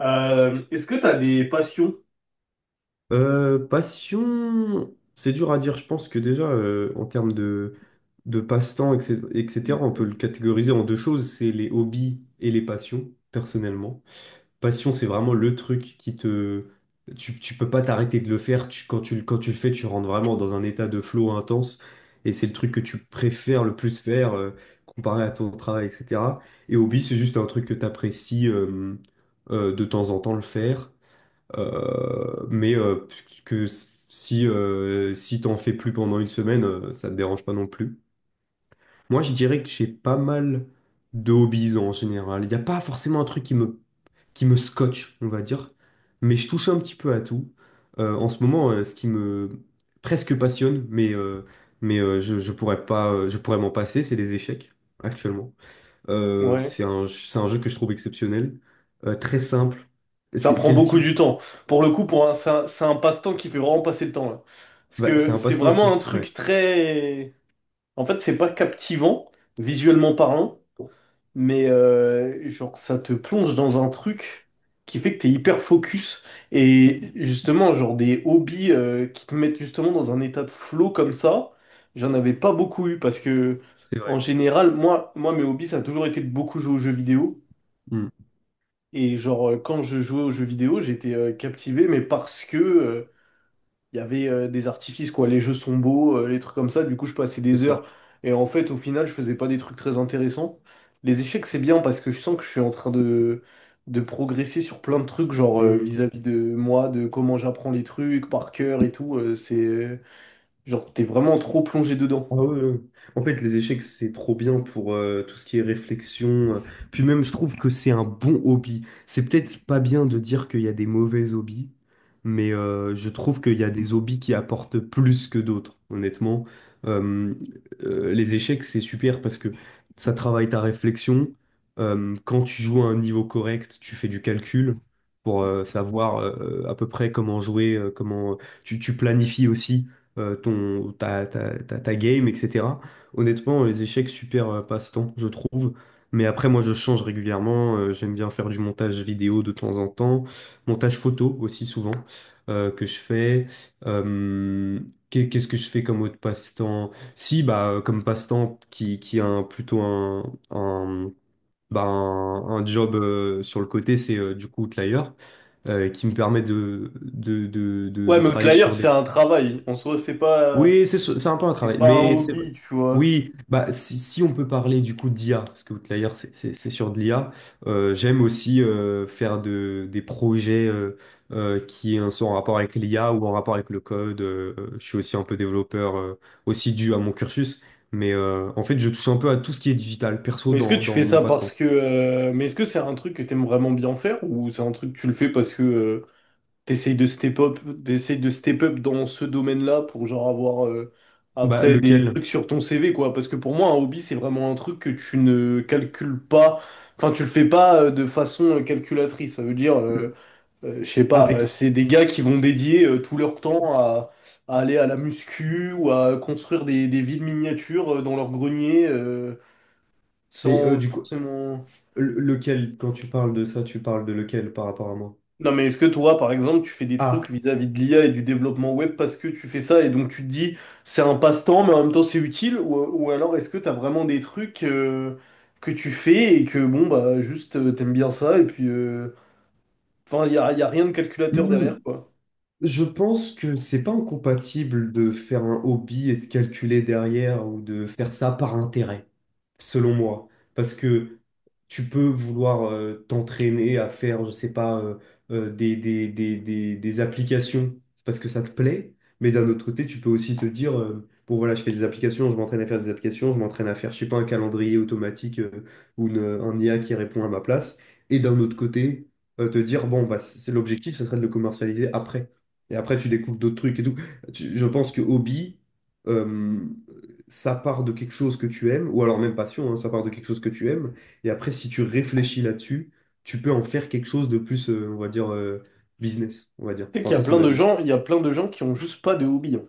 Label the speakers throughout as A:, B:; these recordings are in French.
A: Est-ce que tu as des passions?
B: Passion, c'est dur à dire. Je pense que déjà, en termes de passe-temps, etc., etc., on peut le catégoriser en deux choses, c'est les hobbies et les passions, personnellement. Passion, c'est vraiment le truc qui te... Tu peux pas t'arrêter de le faire. Quand tu le fais, tu rentres vraiment dans un état de flow intense. Et c'est le truc que tu préfères le plus faire, comparé à ton travail, etc. Et hobby, c'est juste un truc que tu apprécies de temps en temps le faire. Mais que si, si t'en fais plus pendant une semaine, ça te dérange pas non plus. Moi, je dirais que j'ai pas mal de hobbies en général. Il n'y a pas forcément un truc qui me scotche, on va dire. Mais je touche un petit peu à tout. En ce moment, ce qui me presque passionne, je pourrais pas, je pourrais m'en passer, c'est les échecs, actuellement.
A: Ouais.
B: C'est un jeu que je trouve exceptionnel, très simple.
A: Ça
B: C'est
A: prend
B: c'est le
A: beaucoup
B: type.
A: du temps. Pour le coup, pour un, c'est un, c'est un passe-temps qui fait vraiment passer le temps, là. Parce
B: Bah, c'est
A: que
B: un
A: c'est
B: passe-temps
A: vraiment un
B: qui... ouais.
A: truc très... En fait, c'est pas captivant, visuellement parlant, mais genre, ça te plonge dans un truc qui fait que t'es hyper focus. Et justement, genre des hobbies qui te mettent justement dans un état de flow comme ça, j'en avais pas beaucoup eu parce que,
B: C'est vrai.
A: en général, moi mes hobbies, ça a toujours été de beaucoup jouer aux jeux vidéo.
B: Mm.
A: Et genre, quand je jouais aux jeux vidéo, j'étais captivé, mais parce que il y avait des artifices, quoi. Les jeux sont beaux, les trucs comme ça. Du coup, je passais
B: C'est
A: des
B: ça.
A: heures. Et en fait, au final, je faisais pas des trucs très intéressants. Les échecs, c'est bien parce que je sens que je suis en train de progresser sur plein de trucs, genre
B: Mm.
A: vis-à-vis de moi, de comment j'apprends les trucs par cœur et tout. C'est genre, t'es vraiment trop plongé dedans.
B: Ah ouais, ouais. En fait, les échecs, c'est trop bien pour tout ce qui est réflexion. Puis même, je trouve que c'est un bon hobby. C'est peut-être pas bien de dire qu'il y a des mauvais hobbies, mais je trouve qu'il y a des hobbies qui apportent plus que d'autres, honnêtement. Euh, les échecs, c'est super parce que ça travaille ta réflexion. Quand tu joues à un niveau correct, tu fais du calcul pour savoir à peu près comment jouer, comment... Tu planifies aussi. Ta game, etc. Honnêtement, les échecs, super passe-temps, je trouve. Mais après, moi, je change régulièrement. J'aime bien faire du montage vidéo de temps en temps, montage photo aussi souvent que je fais. Euh, Qu'est-ce que je fais comme autre passe-temps? Si, bah, comme passe-temps qui a plutôt un, un, un job sur le côté, c'est du coup Outlier, qui me permet de, de, de, de,
A: Ouais,
B: de
A: mais
B: travailler
A: Outlier,
B: sur
A: c'est
B: des...
A: un travail. En soi,
B: Oui, c'est un peu un
A: c'est
B: travail,
A: pas un
B: mais c'est vrai.
A: hobby, tu vois.
B: Oui, bah si, si on peut parler du coup d'IA, parce que Outlier c'est sur de l'IA, j'aime aussi faire des projets, qui sont en rapport avec l'IA ou en rapport avec le code. Je suis aussi un peu développeur, aussi dû à mon cursus, mais en fait je touche un peu à tout ce qui est digital, perso
A: Mais est-ce que
B: dans,
A: tu
B: dans
A: fais
B: mon
A: ça parce
B: passe-temps.
A: que... mais est-ce que c'est un truc que t'aimes vraiment bien faire ou c'est un truc que tu le fais parce que t'essayes de step up, t'essayes de step up dans ce domaine-là pour genre avoir
B: Bah
A: après des
B: lequel?
A: trucs sur ton CV quoi? Parce que pour moi un hobby c'est vraiment un truc que tu ne calcules pas, enfin tu le fais pas de façon calculatrice. Ça veut dire,
B: Le-
A: je sais pas,
B: Avec.
A: c'est des gars qui vont dédier tout leur temps à aller à la muscu ou à construire des villes miniatures dans leur grenier
B: Mais
A: sans
B: du coup,
A: forcément...
B: lequel, quand tu parles de ça, tu parles de lequel par rapport à moi?
A: Non, mais est-ce que toi, par exemple, tu fais des
B: Ah.
A: trucs vis-à-vis de l'IA et du développement web parce que tu fais ça et donc tu te dis c'est un passe-temps mais en même temps c'est utile ou alors est-ce que t'as vraiment des trucs que tu fais et que bon bah juste t'aimes bien ça et puis enfin y a rien de calculateur
B: Hmm.
A: derrière quoi.
B: Je pense que c'est pas incompatible de faire un hobby et de calculer derrière ou de faire ça par intérêt, selon moi. Parce que tu peux vouloir t'entraîner à faire, je sais pas, des applications parce que ça te plaît, mais d'un autre côté, tu peux aussi te dire, bon voilà, je fais des applications, je m'entraîne à faire des applications, je m'entraîne à faire, je sais pas, un calendrier automatique ou un IA qui répond à ma place, et d'un autre côté, te dire, bon, bah, c'est l'objectif, ce serait de le commercialiser après. Et après, tu découvres d'autres trucs et tout. Je pense que hobby, euh, ça part de quelque chose que tu aimes, ou alors même passion, hein, ça part de quelque chose que tu aimes, et après, si tu réfléchis là-dessus, tu peux en faire quelque chose de plus, on va dire, business, on va dire.
A: Tu sais
B: Enfin,
A: qu'il y a
B: ça, c'est
A: plein
B: ma
A: de
B: vision.
A: gens, il y a plein de gens qui ont juste pas de hobby, hein.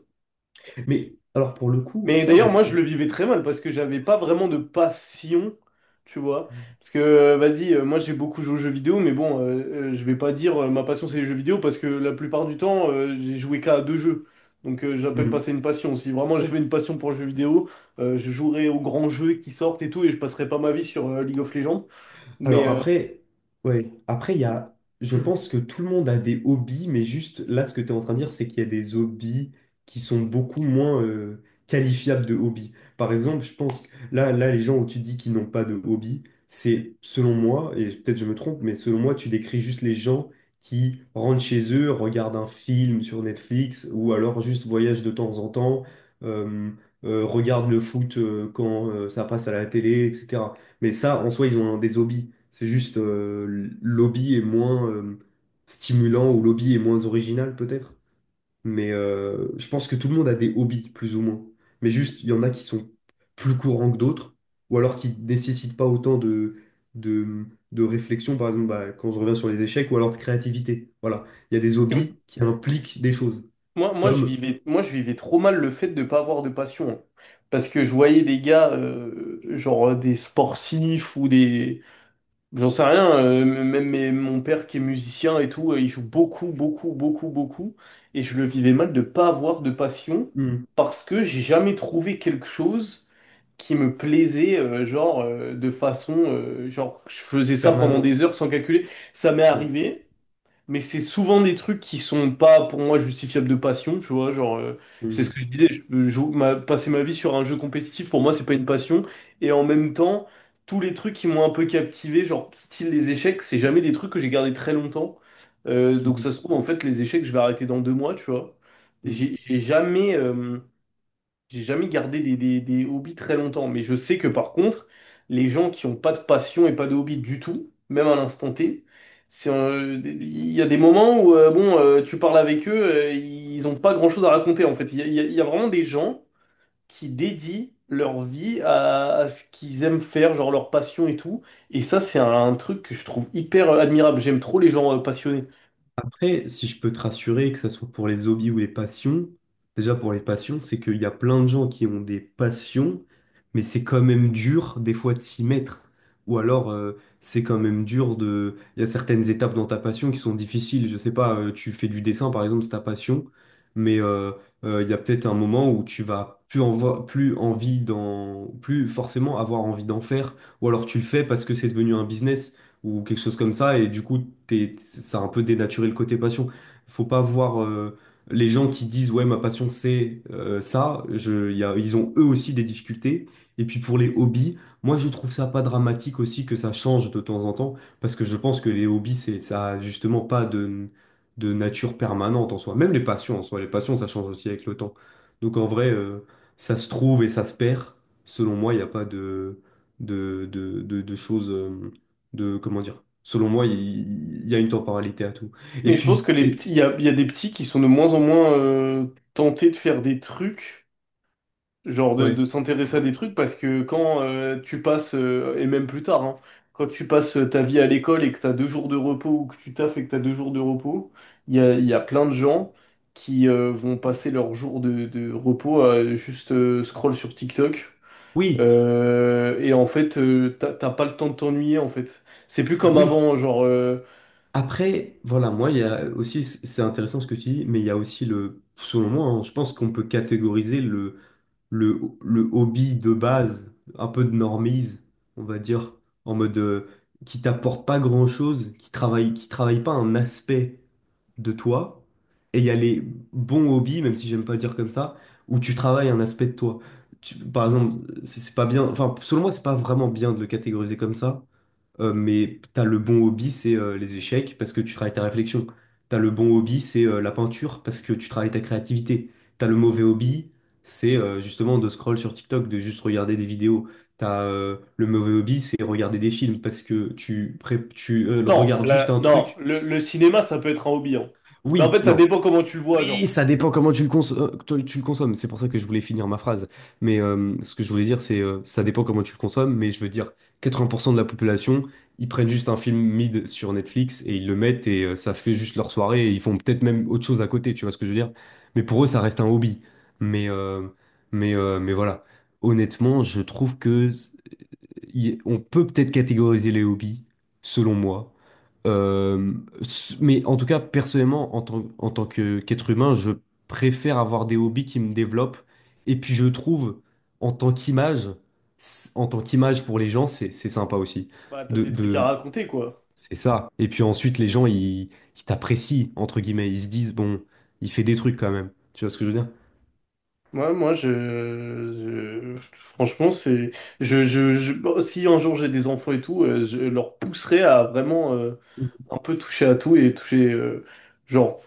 B: Mais alors, pour le coup,
A: Mais
B: ça, je
A: d'ailleurs, moi, je
B: trouve.
A: le vivais très mal parce que j'avais pas vraiment de passion, tu vois. Parce que, vas-y, moi, j'ai beaucoup joué aux jeux vidéo, mais bon, je vais pas dire ma passion, c'est les jeux vidéo parce que la plupart du temps, j'ai joué qu'à deux jeux. Donc, j'appelle pas ça une passion. Si vraiment j'avais une passion pour le jeu vidéo, je jouerais aux grands jeux qui sortent et tout, et je passerais pas ma vie sur League of Legends. Mais
B: Alors après, ouais, après il y a, je pense que tout le monde a des hobbies, mais juste là, ce que tu es en train de dire, c'est qu'il y a des hobbies qui sont beaucoup moins qualifiables de hobbies. Par exemple, je pense que les gens où tu dis qu'ils n'ont pas de hobby, c'est, selon moi, et peut-être je me trompe, mais selon moi, tu décris juste les gens qui rentrent chez eux, regardent un film sur Netflix, ou alors juste voyagent de temps en temps, euh, regardent le foot quand ça passe à la télé, etc. Mais ça, en soi, ils ont des hobbies. C'est juste l'hobby est moins stimulant ou l'hobby est moins original peut-être. Mais je pense que tout le monde a des hobbies, plus ou moins. Mais juste, il y en a qui sont plus courants que d'autres, ou alors qui ne nécessitent pas autant de, de réflexion, par exemple, bah, quand je reviens sur les échecs, ou alors de créativité. Voilà. Il y a des
A: que
B: hobbies qui impliquent des choses, comme...
A: moi, je vivais trop mal le fait de ne pas avoir de passion, hein. Parce que je voyais des gars, genre des sportifs ou des, j'en sais rien, même mon père qui est musicien et tout, il joue beaucoup, beaucoup, beaucoup, beaucoup. Et je le vivais mal de pas avoir de passion
B: Hmm.
A: parce que j'ai jamais trouvé quelque chose qui me plaisait, genre, de façon, genre, je faisais ça pendant
B: Permanente.
A: des heures sans calculer. Ça m'est
B: Ouais.
A: arrivé mais c'est souvent des trucs qui sont pas pour moi justifiables de passion, tu vois, genre c'est ce
B: Mhm.
A: que je disais, je peux passer ma vie sur un jeu compétitif, pour moi c'est pas une passion, et en même temps tous les trucs qui m'ont un peu captivé, genre style les échecs, c'est jamais des trucs que j'ai gardé très longtemps. Donc
B: Mhm.
A: ça se trouve en fait les échecs je vais arrêter dans deux mois, tu vois.
B: Mhm.
A: J'ai j'ai jamais euh, j'ai jamais gardé des hobbies très longtemps, mais je sais que par contre, les gens qui ont pas de passion et pas de hobby du tout, même à l'instant T, c'est, il y a des moments où bon, tu parles avec eux, ils ont pas grand-chose à raconter en fait. Il y a vraiment des gens qui dédient leur vie à ce qu'ils aiment faire, genre leur passion et tout. Et ça, c'est un truc que je trouve hyper admirable. J'aime trop les gens passionnés.
B: Après, si je peux te rassurer, que ce soit pour les hobbies ou les passions, déjà pour les passions, c'est qu'il y a plein de gens qui ont des passions, mais c'est quand même dur des fois de s'y mettre. Ou alors, c'est quand même dur de... Il y a certaines étapes dans ta passion qui sont difficiles. Je sais pas, tu fais du dessin par exemple, c'est ta passion, mais il y a peut-être un moment où tu vas plus, plus envie d'en... plus forcément avoir envie d'en faire. Ou alors tu le fais parce que c'est devenu un business ou quelque chose comme ça. Et du coup, ça a un peu dénaturé le côté passion. Faut pas voir les gens qui disent, ouais, ma passion, c'est ça. Ils ont eux aussi des difficultés. Et puis pour les hobbies, moi, je trouve ça pas dramatique aussi que ça change de temps en temps, parce que je pense que les hobbies, ça a justement pas de nature permanente en soi. Même les passions en soi, les passions, ça change aussi avec le temps. Donc en vrai, ça se trouve et ça se perd. Selon moi, il n'y a pas de choses. Comment dire, selon moi, il y a une temporalité à tout. Et
A: Mais je pense
B: puis,
A: que les
B: et-
A: petits, il y a des petits qui sont de moins en moins tentés de faire des trucs, genre
B: ouais.
A: de s'intéresser à des
B: Mm.
A: trucs parce que quand tu passes, et même plus tard, hein, quand tu passes ta vie à l'école et que tu as deux jours de repos ou que tu taffes et que tu as deux jours de repos, il y a plein de gens qui vont passer leurs jours de repos à juste scroll sur TikTok.
B: Oui,
A: Et en fait, t'as pas le temps de t'ennuyer en fait. C'est plus comme
B: oui.
A: avant, genre...
B: Après, voilà, moi, il y a aussi, c'est intéressant ce que tu dis, mais il y a aussi le, selon moi, hein, je pense qu'on peut catégoriser le hobby de base, un peu de normise, on va dire, en mode qui t'apporte pas grand-chose, qui travaille pas un aspect de toi, et il y a les bons hobbies, même si j'aime pas le dire comme ça, où tu travailles un aspect de toi. Par exemple, c'est pas bien, enfin, selon moi, c'est pas vraiment bien de le catégoriser comme ça, mais t'as le bon hobby, c'est les échecs parce que tu travailles ta réflexion. T'as le bon hobby, c'est la peinture parce que tu travailles ta créativité. T'as le mauvais hobby, c'est justement de scroll sur TikTok, de juste regarder des vidéos. T'as le mauvais hobby, c'est regarder des films parce que tu
A: Non,
B: regardes juste un
A: non
B: truc.
A: le, le cinéma, ça peut être un hobby, hein. Mais en
B: Oui,
A: fait, ça
B: non.
A: dépend comment tu le vois, genre.
B: Oui, ça dépend comment tu le consommes. Tu le consommes. C'est pour ça que je voulais finir ma phrase. Mais ce que je voulais dire, c'est ça dépend comment tu le consommes. Mais je veux dire, 80% de la population, ils prennent juste un film mid sur Netflix et ils le mettent et ça fait juste leur soirée. Et ils font peut-être même autre chose à côté. Tu vois ce que je veux dire? Mais pour eux, ça reste un hobby. Mais euh, mais voilà. Honnêtement, je trouve que on peut peut-être catégoriser les hobbies, selon moi. Euh, mais en tout cas, personnellement, en tant qu'être humain, je préfère avoir des hobbies qui me développent. Et puis je trouve, en tant qu'image, en tant qu'image pour les gens, c'est sympa aussi.
A: Bah, t'as
B: De,
A: des trucs à
B: de,
A: raconter, quoi.
B: c'est ça. Et puis ensuite, les gens, ils t'apprécient, entre guillemets. Ils se disent, bon, il fait des trucs quand même. Tu vois ce que je veux dire?
A: Franchement, c'est, bon, si un jour j'ai des enfants et tout, je leur pousserai à vraiment un peu toucher à tout et toucher, genre,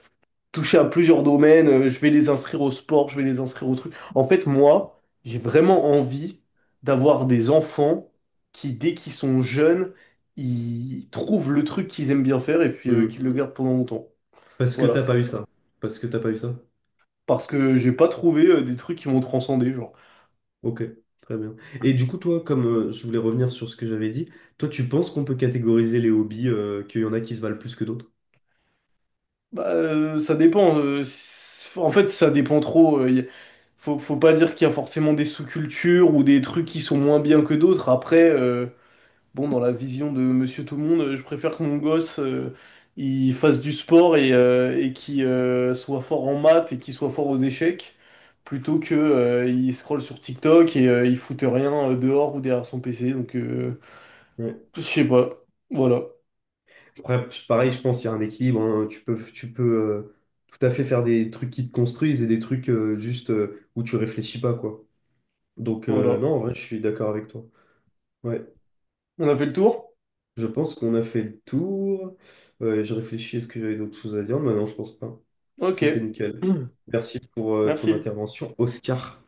A: toucher à plusieurs domaines. Je vais les inscrire au sport, je vais les inscrire au truc. En fait, moi, j'ai vraiment envie d'avoir des enfants qui, dès qu'ils sont jeunes, ils trouvent le truc qu'ils aiment bien faire et puis
B: Mm.
A: qu'ils le gardent pendant longtemps.
B: Parce que
A: Voilà.
B: t'as pas eu ça. Parce que t'as pas eu ça.
A: Parce que j'ai pas trouvé des trucs qui m'ont transcendé, genre.
B: Ok, très bien. Et du coup, toi, comme je voulais revenir sur ce que j'avais dit, toi, tu penses qu'on peut catégoriser les hobbies, qu'il y en a qui se valent plus que d'autres?
A: Bah, ça dépend. En fait, ça dépend trop. Faut pas dire qu'il y a forcément des sous-cultures ou des trucs qui sont moins bien que d'autres. Après, bon, dans la vision de Monsieur Tout-le-Monde, je préfère que mon gosse il fasse du sport et qu'il soit fort en maths et qu'il soit fort aux échecs, plutôt que il scrolle sur TikTok et il foute rien dehors ou derrière son PC. Donc,
B: Ouais.
A: je sais pas. Voilà.
B: Après, pareil, je pense qu'il y a un équilibre. Hein. Tu peux euh, tout à fait faire des trucs qui te construisent et des trucs juste où tu réfléchis pas, quoi. Donc,
A: Voilà.
B: non, en vrai, je suis d'accord avec toi. Ouais,
A: On a fait le tour?
B: je pense qu'on a fait le tour. Je réfléchis, est-ce que j'avais d'autres choses à dire? Mais non, je pense pas.
A: Ok.
B: C'était nickel. Merci pour ton
A: Merci.
B: intervention, Oscar.